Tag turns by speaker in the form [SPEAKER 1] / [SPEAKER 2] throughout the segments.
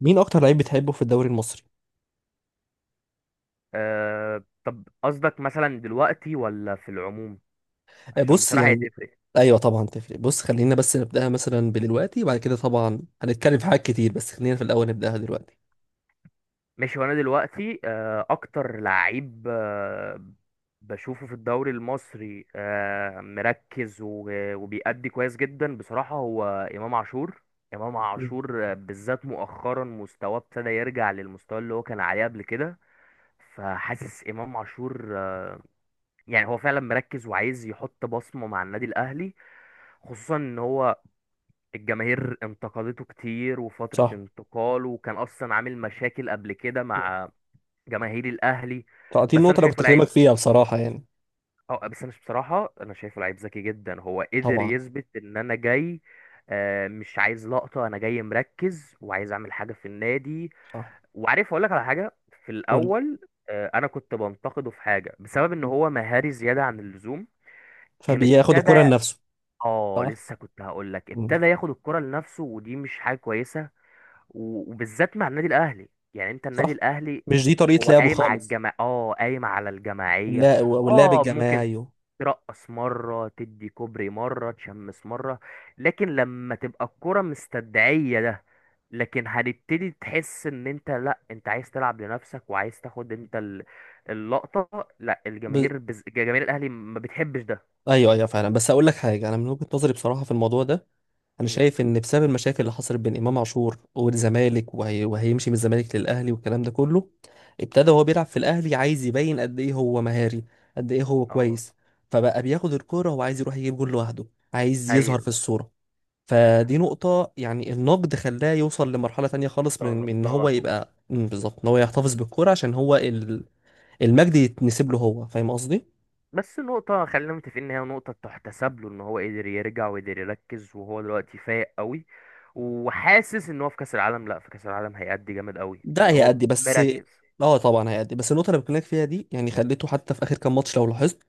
[SPEAKER 1] مين اكتر لعيب بتحبه في الدوري المصري؟
[SPEAKER 2] طب قصدك مثلا دلوقتي ولا في العموم؟
[SPEAKER 1] آه،
[SPEAKER 2] عشان
[SPEAKER 1] بص
[SPEAKER 2] بصراحة هي
[SPEAKER 1] يعني.
[SPEAKER 2] تفرق.
[SPEAKER 1] ايوه طبعا تفرق. بص، خلينا بس نبداها مثلا بدلوقتي، وبعد كده طبعا هنتكلم في حاجات كتير، بس خلينا في الاول نبداها دلوقتي.
[SPEAKER 2] ماشي، وانا دلوقتي اكتر لعيب بشوفه في الدوري المصري مركز وبيأدي كويس جدا بصراحة، هو امام عاشور. امام
[SPEAKER 1] مم.
[SPEAKER 2] عاشور، بالذات مؤخرا مستواه ابتدى يرجع للمستوى اللي هو كان عليه قبل كده. فحاسس امام عاشور يعني هو فعلا مركز وعايز يحط بصمة مع النادي الاهلي، خصوصا ان هو الجماهير انتقدته كتير وفترة
[SPEAKER 1] صح.
[SPEAKER 2] انتقاله، وكان أصلا عامل مشاكل قبل كده
[SPEAKER 1] مم.
[SPEAKER 2] مع جماهير الأهلي.
[SPEAKER 1] تعطيني
[SPEAKER 2] بس
[SPEAKER 1] النقطه
[SPEAKER 2] أنا
[SPEAKER 1] اللي كنت
[SPEAKER 2] شايفه
[SPEAKER 1] اكلمك
[SPEAKER 2] لعيب.
[SPEAKER 1] فيها بصراحه يعني.
[SPEAKER 2] بس أنا بصراحة، شايفه لعيب ذكي جدا، هو قدر
[SPEAKER 1] طبعا.
[SPEAKER 2] يثبت إن أنا جاي. مش عايز لقطة، أنا جاي مركز وعايز أعمل حاجة في النادي.
[SPEAKER 1] صح.
[SPEAKER 2] وعارف أقول لك على حاجة؟ في
[SPEAKER 1] قول لي.
[SPEAKER 2] الأول أنا كنت بنتقده في حاجة بسبب إن
[SPEAKER 1] مم.
[SPEAKER 2] هو مهاري زيادة عن اللزوم. كان
[SPEAKER 1] فبياخد
[SPEAKER 2] ابتدى
[SPEAKER 1] الكره لنفسه.
[SPEAKER 2] اه
[SPEAKER 1] صح.
[SPEAKER 2] لسه كنت هقول لك
[SPEAKER 1] مم.
[SPEAKER 2] ابتدى ياخد الكرة لنفسه، ودي مش حاجة كويسة. وبالذات مع النادي الاهلي، يعني انت النادي
[SPEAKER 1] صح.
[SPEAKER 2] الاهلي
[SPEAKER 1] مش دي طريقه
[SPEAKER 2] هو
[SPEAKER 1] لعبه
[SPEAKER 2] قايم على
[SPEAKER 1] خالص.
[SPEAKER 2] الجماعة، قايم على الجماعية.
[SPEAKER 1] واللعب
[SPEAKER 2] اه ممكن
[SPEAKER 1] الجماعي.
[SPEAKER 2] ترقص مرة، تدي كوبري مرة، تشمس مرة، لكن لما تبقى الكرة مستدعية ده، لكن هنبتدي تحس ان انت لا، انت عايز تلعب لنفسك وعايز تاخد انت اللقطة. لا،
[SPEAKER 1] ب...
[SPEAKER 2] الجماهير جماهير الاهلي ما بتحبش ده.
[SPEAKER 1] ايوه، ايوه، فعلا. بس اقول لك حاجه، انا من وجهه نظري بصراحه في الموضوع ده. انا
[SPEAKER 2] مم.
[SPEAKER 1] شايف ان بسبب المشاكل اللي حصلت بين امام عاشور والزمالك وهيمشي من الزمالك للاهلي والكلام ده كله. ابتدى وهو بيلعب في الاهلي عايز يبين قد ايه هو مهاري، قد ايه هو
[SPEAKER 2] اه،
[SPEAKER 1] كويس. فبقى بياخد الكوره وعايز يروح يجيب جول لوحده، عايز يظهر
[SPEAKER 2] ايوه،
[SPEAKER 1] في الصوره. فدي نقطه، يعني النقد خلاه يوصل لمرحله تانية خالص،
[SPEAKER 2] ده
[SPEAKER 1] من ان
[SPEAKER 2] ده على
[SPEAKER 1] هو
[SPEAKER 2] طول.
[SPEAKER 1] يبقى، بالظبط ان هو يحتفظ بالكوره عشان هو المجد يتنسب له. هو فاهم قصدي.
[SPEAKER 2] بس نقطة، خلينا متفقين إن هي نقطة تحتسب له، إن هو قدر يرجع وقدر يركز، وهو دلوقتي فايق قوي. وحاسس إن هو في كأس العالم، لأ، في كأس العالم هيأدي جامد قوي
[SPEAKER 1] ده
[SPEAKER 2] اللي هو
[SPEAKER 1] هيأدي، بس
[SPEAKER 2] مركز.
[SPEAKER 1] اه طبعا هيأدي. بس النقطة اللي بكلمك فيها دي يعني خليته حتى في آخر كام ماتش لو لاحظت،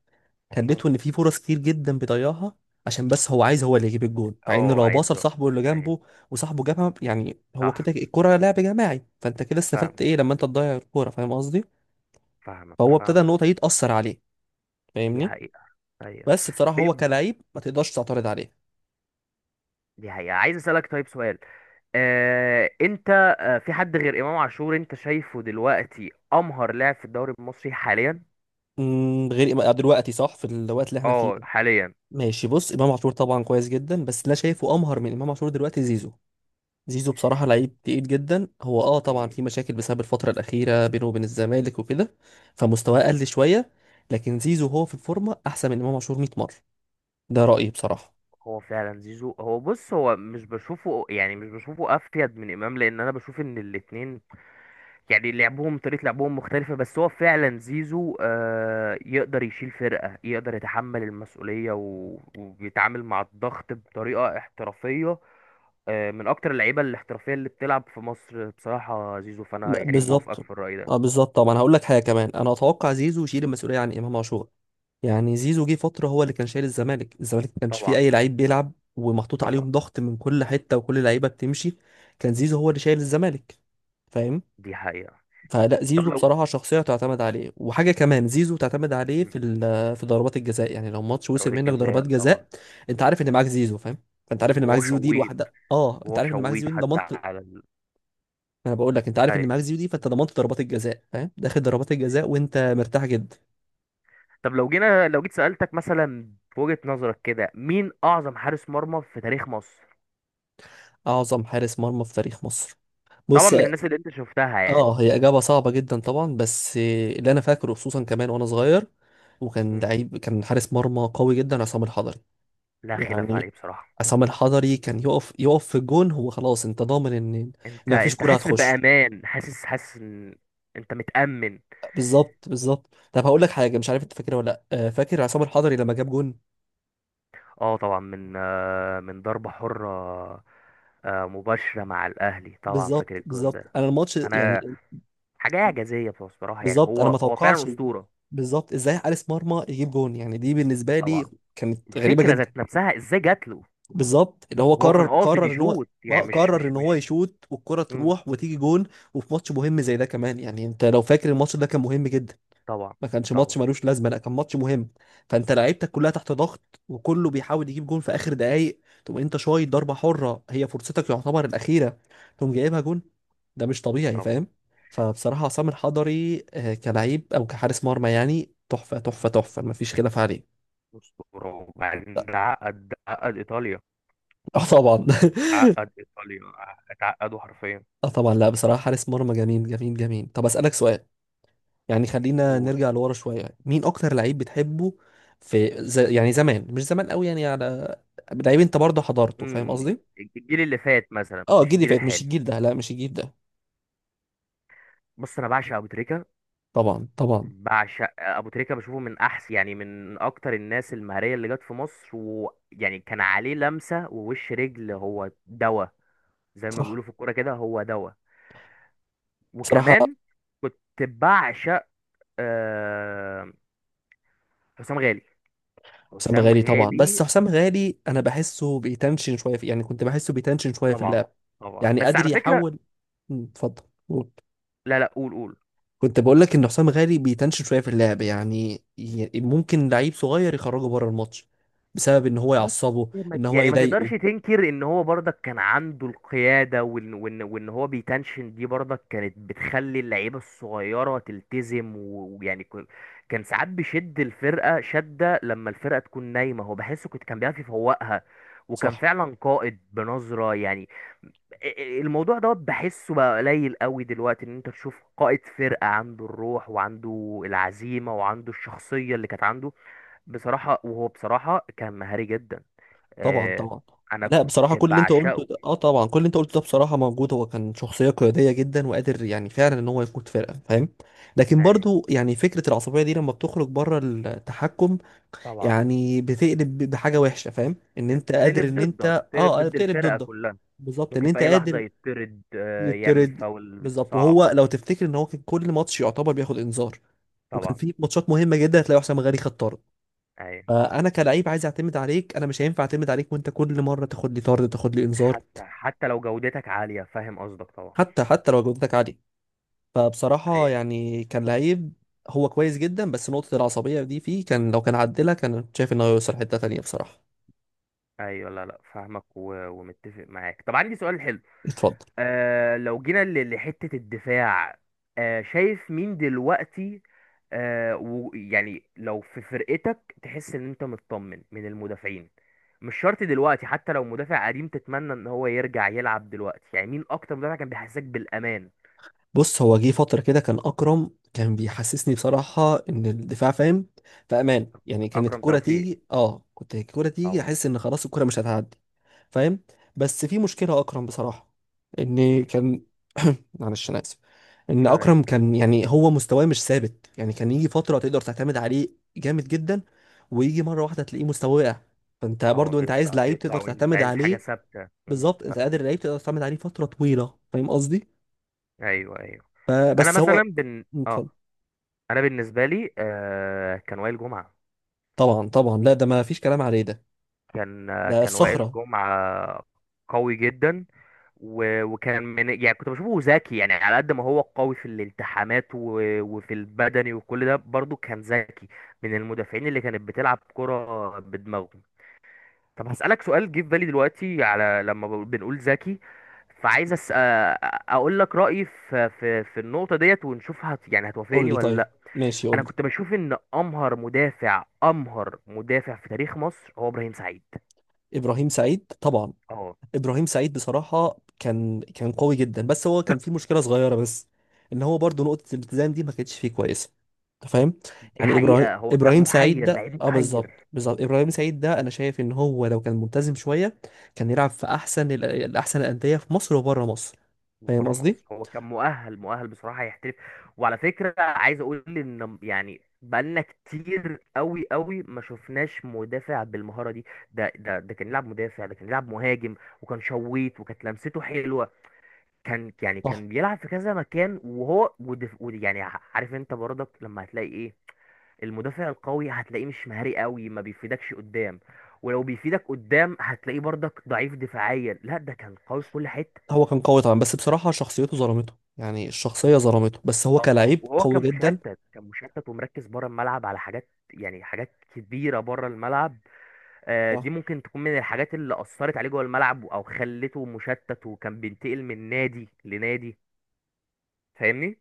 [SPEAKER 2] أه
[SPEAKER 1] خليته ان في فرص كتير جدا بيضيعها، عشان بس هو عايز هو اللي يجيب الجول، مع ان
[SPEAKER 2] أه،
[SPEAKER 1] لو باص
[SPEAKER 2] عايز وقت.
[SPEAKER 1] لصاحبه اللي
[SPEAKER 2] أيوة،
[SPEAKER 1] جنبه وصاحبه جابها، يعني هو
[SPEAKER 2] صح،
[SPEAKER 1] كده الكرة لعب جماعي. فانت كده
[SPEAKER 2] فاهم،
[SPEAKER 1] استفدت ايه لما انت تضيع الكرة؟ فاهم قصدي.
[SPEAKER 2] فاهمك،
[SPEAKER 1] فهو ابتدى
[SPEAKER 2] فاهمك.
[SPEAKER 1] النقطة دي تأثر عليه،
[SPEAKER 2] دي
[SPEAKER 1] فاهمني.
[SPEAKER 2] حقيقة. أيوة،
[SPEAKER 1] بس بصراحة هو
[SPEAKER 2] طيب.
[SPEAKER 1] كلاعب ما تقدرش تعترض عليه.
[SPEAKER 2] دي حقيقة، عايز أسألك طيب سؤال. أنت في حد غير إمام عاشور أنت شايفه دلوقتي أمهر لاعب في الدوري المصري حاليا؟
[SPEAKER 1] غير دلوقتي؟ صح، في الوقت اللي احنا فيه
[SPEAKER 2] أه،
[SPEAKER 1] ده.
[SPEAKER 2] حاليا.
[SPEAKER 1] ماشي، بص، امام عاشور طبعا كويس جدا، بس اللي انا شايفه امهر من امام عاشور دلوقتي زيزو. زيزو بصراحة لعيب تقيل جدا. هو طبعا في مشاكل بسبب الفترة الأخيرة بينه وبين الزمالك وكده، فمستواه قل شوية، لكن زيزو هو في الفورمة أحسن من إمام عاشور 100 مرة. ده رأيي بصراحة.
[SPEAKER 2] هو فعلا زيزو. هو بص، هو مش بشوفه يعني مش بشوفه افيد من امام، لان انا بشوف ان الاتنين يعني لعبهم، طريقة لعبهم مختلفة. بس هو فعلا زيزو، يقدر يشيل فرقة، يقدر يتحمل المسؤولية، وبيتعامل مع الضغط بطريقة احترافية. من اكتر اللعيبة الاحترافية اللي بتلعب في مصر بصراحة زيزو، فانا يعني موافقك
[SPEAKER 1] بالظبط.
[SPEAKER 2] في الرأي ده.
[SPEAKER 1] اه بالظبط. طبعا هقول لك حاجة كمان، أنا أتوقع زيزو يشيل المسؤولية عن إمام عاشور. يعني زيزو جه فترة هو اللي كان شايل الزمالك. الزمالك ما كانش فيه
[SPEAKER 2] طبعا،
[SPEAKER 1] أي لعيب بيلعب، ومحطوط
[SPEAKER 2] طبعا،
[SPEAKER 1] عليهم ضغط من كل حتة، وكل لعيبة بتمشي. كان زيزو هو اللي شايل الزمالك، فاهمني.
[SPEAKER 2] دي حقيقة.
[SPEAKER 1] فلا،
[SPEAKER 2] طب
[SPEAKER 1] زيزو
[SPEAKER 2] لو
[SPEAKER 1] بصراحة شخصية تعتمد عليه. وحاجة كمان، زيزو تعتمد عليه
[SPEAKER 2] مم،
[SPEAKER 1] في في ضربات الجزاء. يعني لو ماتش وصل
[SPEAKER 2] ضربات
[SPEAKER 1] منك ضربات
[SPEAKER 2] الجزاء طبعا.
[SPEAKER 1] جزاء، انت عارف ان معاك زيزو، فاهم؟ فانت عارف ان معاك
[SPEAKER 2] وهو
[SPEAKER 1] زيزو دي
[SPEAKER 2] شويت،
[SPEAKER 1] لوحدها، انت
[SPEAKER 2] وهو
[SPEAKER 1] عارف ان معاك
[SPEAKER 2] شويت
[SPEAKER 1] زيزو دي
[SPEAKER 2] حتى
[SPEAKER 1] ضمنت ما.
[SPEAKER 2] على
[SPEAKER 1] انا بقول لك، انت عارف ان
[SPEAKER 2] أيوة.
[SPEAKER 1] معاك زيزو دي فانت ضمنت ضربات الجزاء، فاهم؟ داخل ضربات الجزاء وانت مرتاح جدا.
[SPEAKER 2] طب لو جينا، لو جيت سألتك مثلا في وجهة نظرك كده، مين أعظم حارس مرمى في تاريخ مصر؟
[SPEAKER 1] اعظم حارس مرمى في تاريخ مصر.
[SPEAKER 2] طبعا
[SPEAKER 1] بص،
[SPEAKER 2] من الناس اللي أنت شفتها يعني.
[SPEAKER 1] اه، هي اجابة صعبة جدا طبعا، بس اللي انا فاكره خصوصا كمان وانا صغير وكان
[SPEAKER 2] مم.
[SPEAKER 1] لعيب، كان حارس مرمى قوي جدا، عصام الحضري.
[SPEAKER 2] لا خلاف عليه
[SPEAKER 1] يعني
[SPEAKER 2] بصراحة.
[SPEAKER 1] عصام الحضري كان يقف، يقف في الجون، هو خلاص انت ضامن ان،
[SPEAKER 2] أنت
[SPEAKER 1] ان مفيش
[SPEAKER 2] أنت
[SPEAKER 1] كوره
[SPEAKER 2] حاسس
[SPEAKER 1] هتخش.
[SPEAKER 2] بأمان، حاسس إن أنت متأمن.
[SPEAKER 1] بالظبط، بالظبط. طب هقول لك حاجه، مش عارف انت فاكرها ولا لا. فاكر عصام الحضري لما جاب جون؟
[SPEAKER 2] أه، طبعا من ضربة حرة، مباشرة مع الأهلي. طبعا فاكر
[SPEAKER 1] بالظبط،
[SPEAKER 2] الجون
[SPEAKER 1] بالظبط.
[SPEAKER 2] ده.
[SPEAKER 1] انا الماتش
[SPEAKER 2] أنا،
[SPEAKER 1] يعني،
[SPEAKER 2] حاجة إعجازية بصراحة، يعني
[SPEAKER 1] بالظبط، انا ما
[SPEAKER 2] هو فعلا
[SPEAKER 1] توقعش.
[SPEAKER 2] أسطورة.
[SPEAKER 1] بالظبط، ازاي حارس مرمى يجيب جون؟ يعني دي بالنسبه لي
[SPEAKER 2] طبعا.
[SPEAKER 1] كانت غريبه
[SPEAKER 2] الفكرة
[SPEAKER 1] جدا.
[SPEAKER 2] ذات نفسها إزاي جات له؟
[SPEAKER 1] بالظبط، اللي هو
[SPEAKER 2] هو
[SPEAKER 1] قرر،
[SPEAKER 2] كان قاصد
[SPEAKER 1] قرر ان هو
[SPEAKER 2] يشوت،
[SPEAKER 1] ما
[SPEAKER 2] يعني مش
[SPEAKER 1] قرر
[SPEAKER 2] مش
[SPEAKER 1] ان هو
[SPEAKER 2] مش
[SPEAKER 1] يشوت والكره
[SPEAKER 2] مم.
[SPEAKER 1] تروح وتيجي جون. وفي ماتش مهم زي ده كمان، يعني انت لو فاكر الماتش ده كان مهم جدا.
[SPEAKER 2] طبعا،
[SPEAKER 1] ما كانش
[SPEAKER 2] طبعا،
[SPEAKER 1] ماتش ملوش لازمه، لا كان ماتش مهم. فانت لعيبتك كلها تحت ضغط، وكله بيحاول يجيب جون في اخر دقايق، تقوم انت شايط ضربه حره هي فرصتك يعتبر الاخيره، تقوم جايبها جون. ده مش طبيعي،
[SPEAKER 2] طبعا،
[SPEAKER 1] فاهم؟ فبصراحه عصام الحضري، كلعيب او كحارس مرمى يعني تحفه، تحفه، تحفه. ما فيش خلاف عليه.
[SPEAKER 2] أسطورة. وبعدين ده عقد، ده عقد إيطاليا،
[SPEAKER 1] اه طبعا.
[SPEAKER 2] عقد إيطاليا، اتعقدوا حرفيا.
[SPEAKER 1] اه طبعا. لا بصراحه حارس مرمى جميل، جميل، جميل. طب اسالك سؤال، يعني خلينا
[SPEAKER 2] قول.
[SPEAKER 1] نرجع لورا شوية. مين أكتر لعيب بتحبه في زي، يعني زمان، مش زمان قوي، يعني على لعيب أنت برضه حضرته، فاهم
[SPEAKER 2] امم
[SPEAKER 1] قصدي؟
[SPEAKER 2] الجيل اللي فات مثلا،
[SPEAKER 1] أه،
[SPEAKER 2] مش
[SPEAKER 1] الجيل اللي
[SPEAKER 2] الجيل
[SPEAKER 1] فات، مش
[SPEAKER 2] الحالي.
[SPEAKER 1] الجيل ده، لا مش الجيل ده.
[SPEAKER 2] بص، أنا بعشق أبو تريكة،
[SPEAKER 1] طبعا، طبعا.
[SPEAKER 2] بعشق أبو تريكة. بشوفه من أحسن يعني من أكتر الناس المهرية اللي جت في مصر، ويعني كان عليه لمسة ووش رجل، هو دواء. زي ما
[SPEAKER 1] صح
[SPEAKER 2] بيقولوا في الكورة كده، هو دواء.
[SPEAKER 1] بصراحة.
[SPEAKER 2] وكمان كنت بعشق آه، حسام غالي،
[SPEAKER 1] حسام
[SPEAKER 2] حسام
[SPEAKER 1] غالي طبعا. بس
[SPEAKER 2] غالي.
[SPEAKER 1] حسام غالي أنا بحسه بيتنشن شوية في، يعني كنت بحسه بيتنشن شوية في
[SPEAKER 2] طبعا،
[SPEAKER 1] اللعب.
[SPEAKER 2] طبعا،
[SPEAKER 1] يعني
[SPEAKER 2] بس
[SPEAKER 1] قادر
[SPEAKER 2] على فكرة.
[SPEAKER 1] يحول. مم، اتفضل. قول.
[SPEAKER 2] لا، لا، قول، قول.
[SPEAKER 1] كنت بقول لك إن حسام غالي بيتنشن شوية في اللعب، يعني ممكن لعيب صغير يخرجه بره الماتش، بسبب إن هو
[SPEAKER 2] بس
[SPEAKER 1] يعصبه، إن هو
[SPEAKER 2] يعني ما تقدرش
[SPEAKER 1] يضايقه.
[SPEAKER 2] تنكر ان هو برضك كان عنده القيادة، وان هو بيتنشن دي برضك كانت بتخلي اللعيبة الصغيرة تلتزم، ويعني كان ساعات بيشد الفرقة شدة لما الفرقة تكون نايمة، هو بحسه كنت كان بيعرف يفوقها. وكان
[SPEAKER 1] صح.
[SPEAKER 2] فعلا قائد بنظرة يعني. الموضوع دوت بحسه بقى قليل قوي دلوقتي، ان انت تشوف قائد فرقة عنده الروح وعنده العزيمة وعنده الشخصية اللي كانت عنده بصراحة. وهو بصراحة كان مهاري جدا.
[SPEAKER 1] طبعا،
[SPEAKER 2] آه،
[SPEAKER 1] طبعا.
[SPEAKER 2] انا
[SPEAKER 1] لا
[SPEAKER 2] كنت
[SPEAKER 1] بصراحة
[SPEAKER 2] بعشقه.
[SPEAKER 1] كل اللي انت قلته ده بصراحة موجود. هو كان شخصية قيادية جدا، وقادر يعني فعلا ان هو يقود فرقة، فاهم؟ لكن
[SPEAKER 2] يعني
[SPEAKER 1] برضو يعني فكرة العصبية دي لما بتخرج بره التحكم،
[SPEAKER 2] طبعا،
[SPEAKER 1] يعني بتقلب بحاجة وحشة، فاهم؟ ان انت قادر
[SPEAKER 2] تقلب
[SPEAKER 1] ان انت،
[SPEAKER 2] ضدك، تقلب
[SPEAKER 1] اه،
[SPEAKER 2] ضد
[SPEAKER 1] بتقلب
[SPEAKER 2] الفرقه
[SPEAKER 1] ضدك.
[SPEAKER 2] كلها.
[SPEAKER 1] بالظبط، ان
[SPEAKER 2] ممكن في
[SPEAKER 1] انت
[SPEAKER 2] اي لحظه
[SPEAKER 1] قادر
[SPEAKER 2] يطرد، يعمل
[SPEAKER 1] يطرد.
[SPEAKER 2] فاول
[SPEAKER 1] بالظبط.
[SPEAKER 2] صعب.
[SPEAKER 1] وهو لو تفتكر ان هو كان كل ماتش يعتبر بياخد انذار، وكان
[SPEAKER 2] طبعا،
[SPEAKER 1] في ماتشات مهمة جدا هتلاقي حسام غالي خد طرد.
[SPEAKER 2] ايوه،
[SPEAKER 1] فانا كلعيب عايز اعتمد عليك، انا مش هينفع اعتمد عليك وانت كل مره تاخد لي طرد، تاخد لي انذار.
[SPEAKER 2] حتى لو جودتك عاليه فاهم قصدك طبعا.
[SPEAKER 1] حتى لو جودتك عاليه. فبصراحه
[SPEAKER 2] ايوه،
[SPEAKER 1] يعني كان لعيب هو كويس جدا، بس نقطه العصبيه دي فيه، كان لو كان عدلها، كان كنت شايف انه هيوصل حته تانية بصراحه.
[SPEAKER 2] ايوه، لا، لا، فاهمك، ومتفق معاك. طب عندي سؤال حلو.
[SPEAKER 1] اتفضل.
[SPEAKER 2] لو جينا لحته الدفاع، شايف مين دلوقتي؟ ويعني لو في فرقتك تحس ان انت مطمن من المدافعين، مش شرط دلوقتي، حتى لو مدافع قديم تتمنى ان هو يرجع يلعب دلوقتي، يعني مين اكتر مدافع كان بيحسسك بالامان؟
[SPEAKER 1] بص، هو جه فتره كده كان اكرم كان بيحسسني بصراحه ان الدفاع، فاهم؟ في امان. يعني كانت
[SPEAKER 2] اكرم
[SPEAKER 1] الكره
[SPEAKER 2] توفيق
[SPEAKER 1] تيجي اه كنت الكره تيجي
[SPEAKER 2] طبعا.
[SPEAKER 1] احس ان خلاص الكره مش هتعدي، فاهم؟ بس في مشكله اكرم بصراحه، ان
[SPEAKER 2] مم.
[SPEAKER 1] كان معلش انا آسف. ان
[SPEAKER 2] لا، لا.
[SPEAKER 1] اكرم كان، يعني هو مستواه مش ثابت. يعني كان يجي فتره تقدر تعتمد عليه جامد جدا، ويجي مره واحده تلاقيه مستواه وقع. فانت
[SPEAKER 2] اه،
[SPEAKER 1] برضو انت عايز
[SPEAKER 2] بيطلع،
[SPEAKER 1] لعيب
[SPEAKER 2] بيطلع
[SPEAKER 1] تقدر
[SPEAKER 2] وينزل. أنت
[SPEAKER 1] تعتمد
[SPEAKER 2] عايز حاجه
[SPEAKER 1] عليه.
[SPEAKER 2] ثابته،
[SPEAKER 1] بالظبط، انت
[SPEAKER 2] فاهمك.
[SPEAKER 1] قادر لعيب تقدر تعتمد عليه فتره طويله، فاهم قصدي؟
[SPEAKER 2] ايوه، ايوه. انا
[SPEAKER 1] فبس هو.
[SPEAKER 2] مثلا بن اه
[SPEAKER 1] اتفضل.
[SPEAKER 2] انا بالنسبه لي كان وائل جمعه.
[SPEAKER 1] طبعا، طبعا. لا ده ما فيش كلام عليه ده.
[SPEAKER 2] كان آه
[SPEAKER 1] ده
[SPEAKER 2] كان وائل
[SPEAKER 1] الصخره.
[SPEAKER 2] جمعه قوي جدا. وكان من يعني كنت بشوفه ذكي، يعني على قد ما هو قوي في الالتحامات وفي البدني وكل ده برضه كان ذكي، من المدافعين اللي كانت بتلعب كرة بدماغهم. طب هسألك سؤال جه في بالي دلوقتي على لما بنقول ذكي. فعايز اقول لك رأيي في النقطة ديت ونشوف يعني
[SPEAKER 1] قول
[SPEAKER 2] هتوافقني
[SPEAKER 1] لي،
[SPEAKER 2] ولا
[SPEAKER 1] طيب،
[SPEAKER 2] لا؟
[SPEAKER 1] ماشي قول
[SPEAKER 2] انا
[SPEAKER 1] لي.
[SPEAKER 2] كنت بشوف ان امهر مدافع، امهر مدافع في تاريخ مصر هو ابراهيم سعيد.
[SPEAKER 1] ابراهيم سعيد، طبعا.
[SPEAKER 2] اه.
[SPEAKER 1] ابراهيم سعيد بصراحه كان قوي جدا. بس هو كان فيه مشكله صغيره بس، ان هو برضو نقطه الالتزام دي ما كانتش فيه كويسه. انت فاهم؟
[SPEAKER 2] دي
[SPEAKER 1] يعني ابراهيم
[SPEAKER 2] حقيقة، هو كان
[SPEAKER 1] ابراهيم سعيد
[SPEAKER 2] محير،
[SPEAKER 1] ده،
[SPEAKER 2] لعيب
[SPEAKER 1] بالظبط،
[SPEAKER 2] محير.
[SPEAKER 1] بالظبط، ابراهيم سعيد ده انا شايف ان هو لو كان ملتزم شويه، كان يلعب في احسن الاحسن الانديه في مصر وبره مصر، فاهم
[SPEAKER 2] بره
[SPEAKER 1] قصدي؟
[SPEAKER 2] مصر، هو كان مؤهل، مؤهل بصراحة، يحترف. وعلى فكرة عايز اقول ان يعني بقالنا كتير قوي قوي ما شفناش مدافع بالمهارة دي. ده كان يلعب مدافع، ده كان يلعب مهاجم. وكان شويت، وكانت لمسته حلوة. كان يعني
[SPEAKER 1] صح.
[SPEAKER 2] كان بيلعب في كذا مكان. وهو يعني عارف انت برضك لما هتلاقي ايه؟ المدافع القوي هتلاقيه مش مهاري قوي، ما بيفيدكش قدام. ولو بيفيدك قدام هتلاقيه برضك ضعيف دفاعيا. لا، ده كان قوي في كل حتة.
[SPEAKER 1] هو كان قوي طبعا، بس بصراحه شخصيته ظلمته. يعني الشخصيه ظلمته، بس هو
[SPEAKER 2] اه،
[SPEAKER 1] كلاعب
[SPEAKER 2] وهو
[SPEAKER 1] قوي
[SPEAKER 2] كان
[SPEAKER 1] جدا.
[SPEAKER 2] مشتت، كان مشتت ومركز بره الملعب على حاجات يعني حاجات كبيره بره الملعب. دي
[SPEAKER 1] صح.
[SPEAKER 2] ممكن تكون من الحاجات اللي اثرت عليه جوه الملعب، او خلته مشتت، وكان بينتقل من نادي لنادي. فاهمني.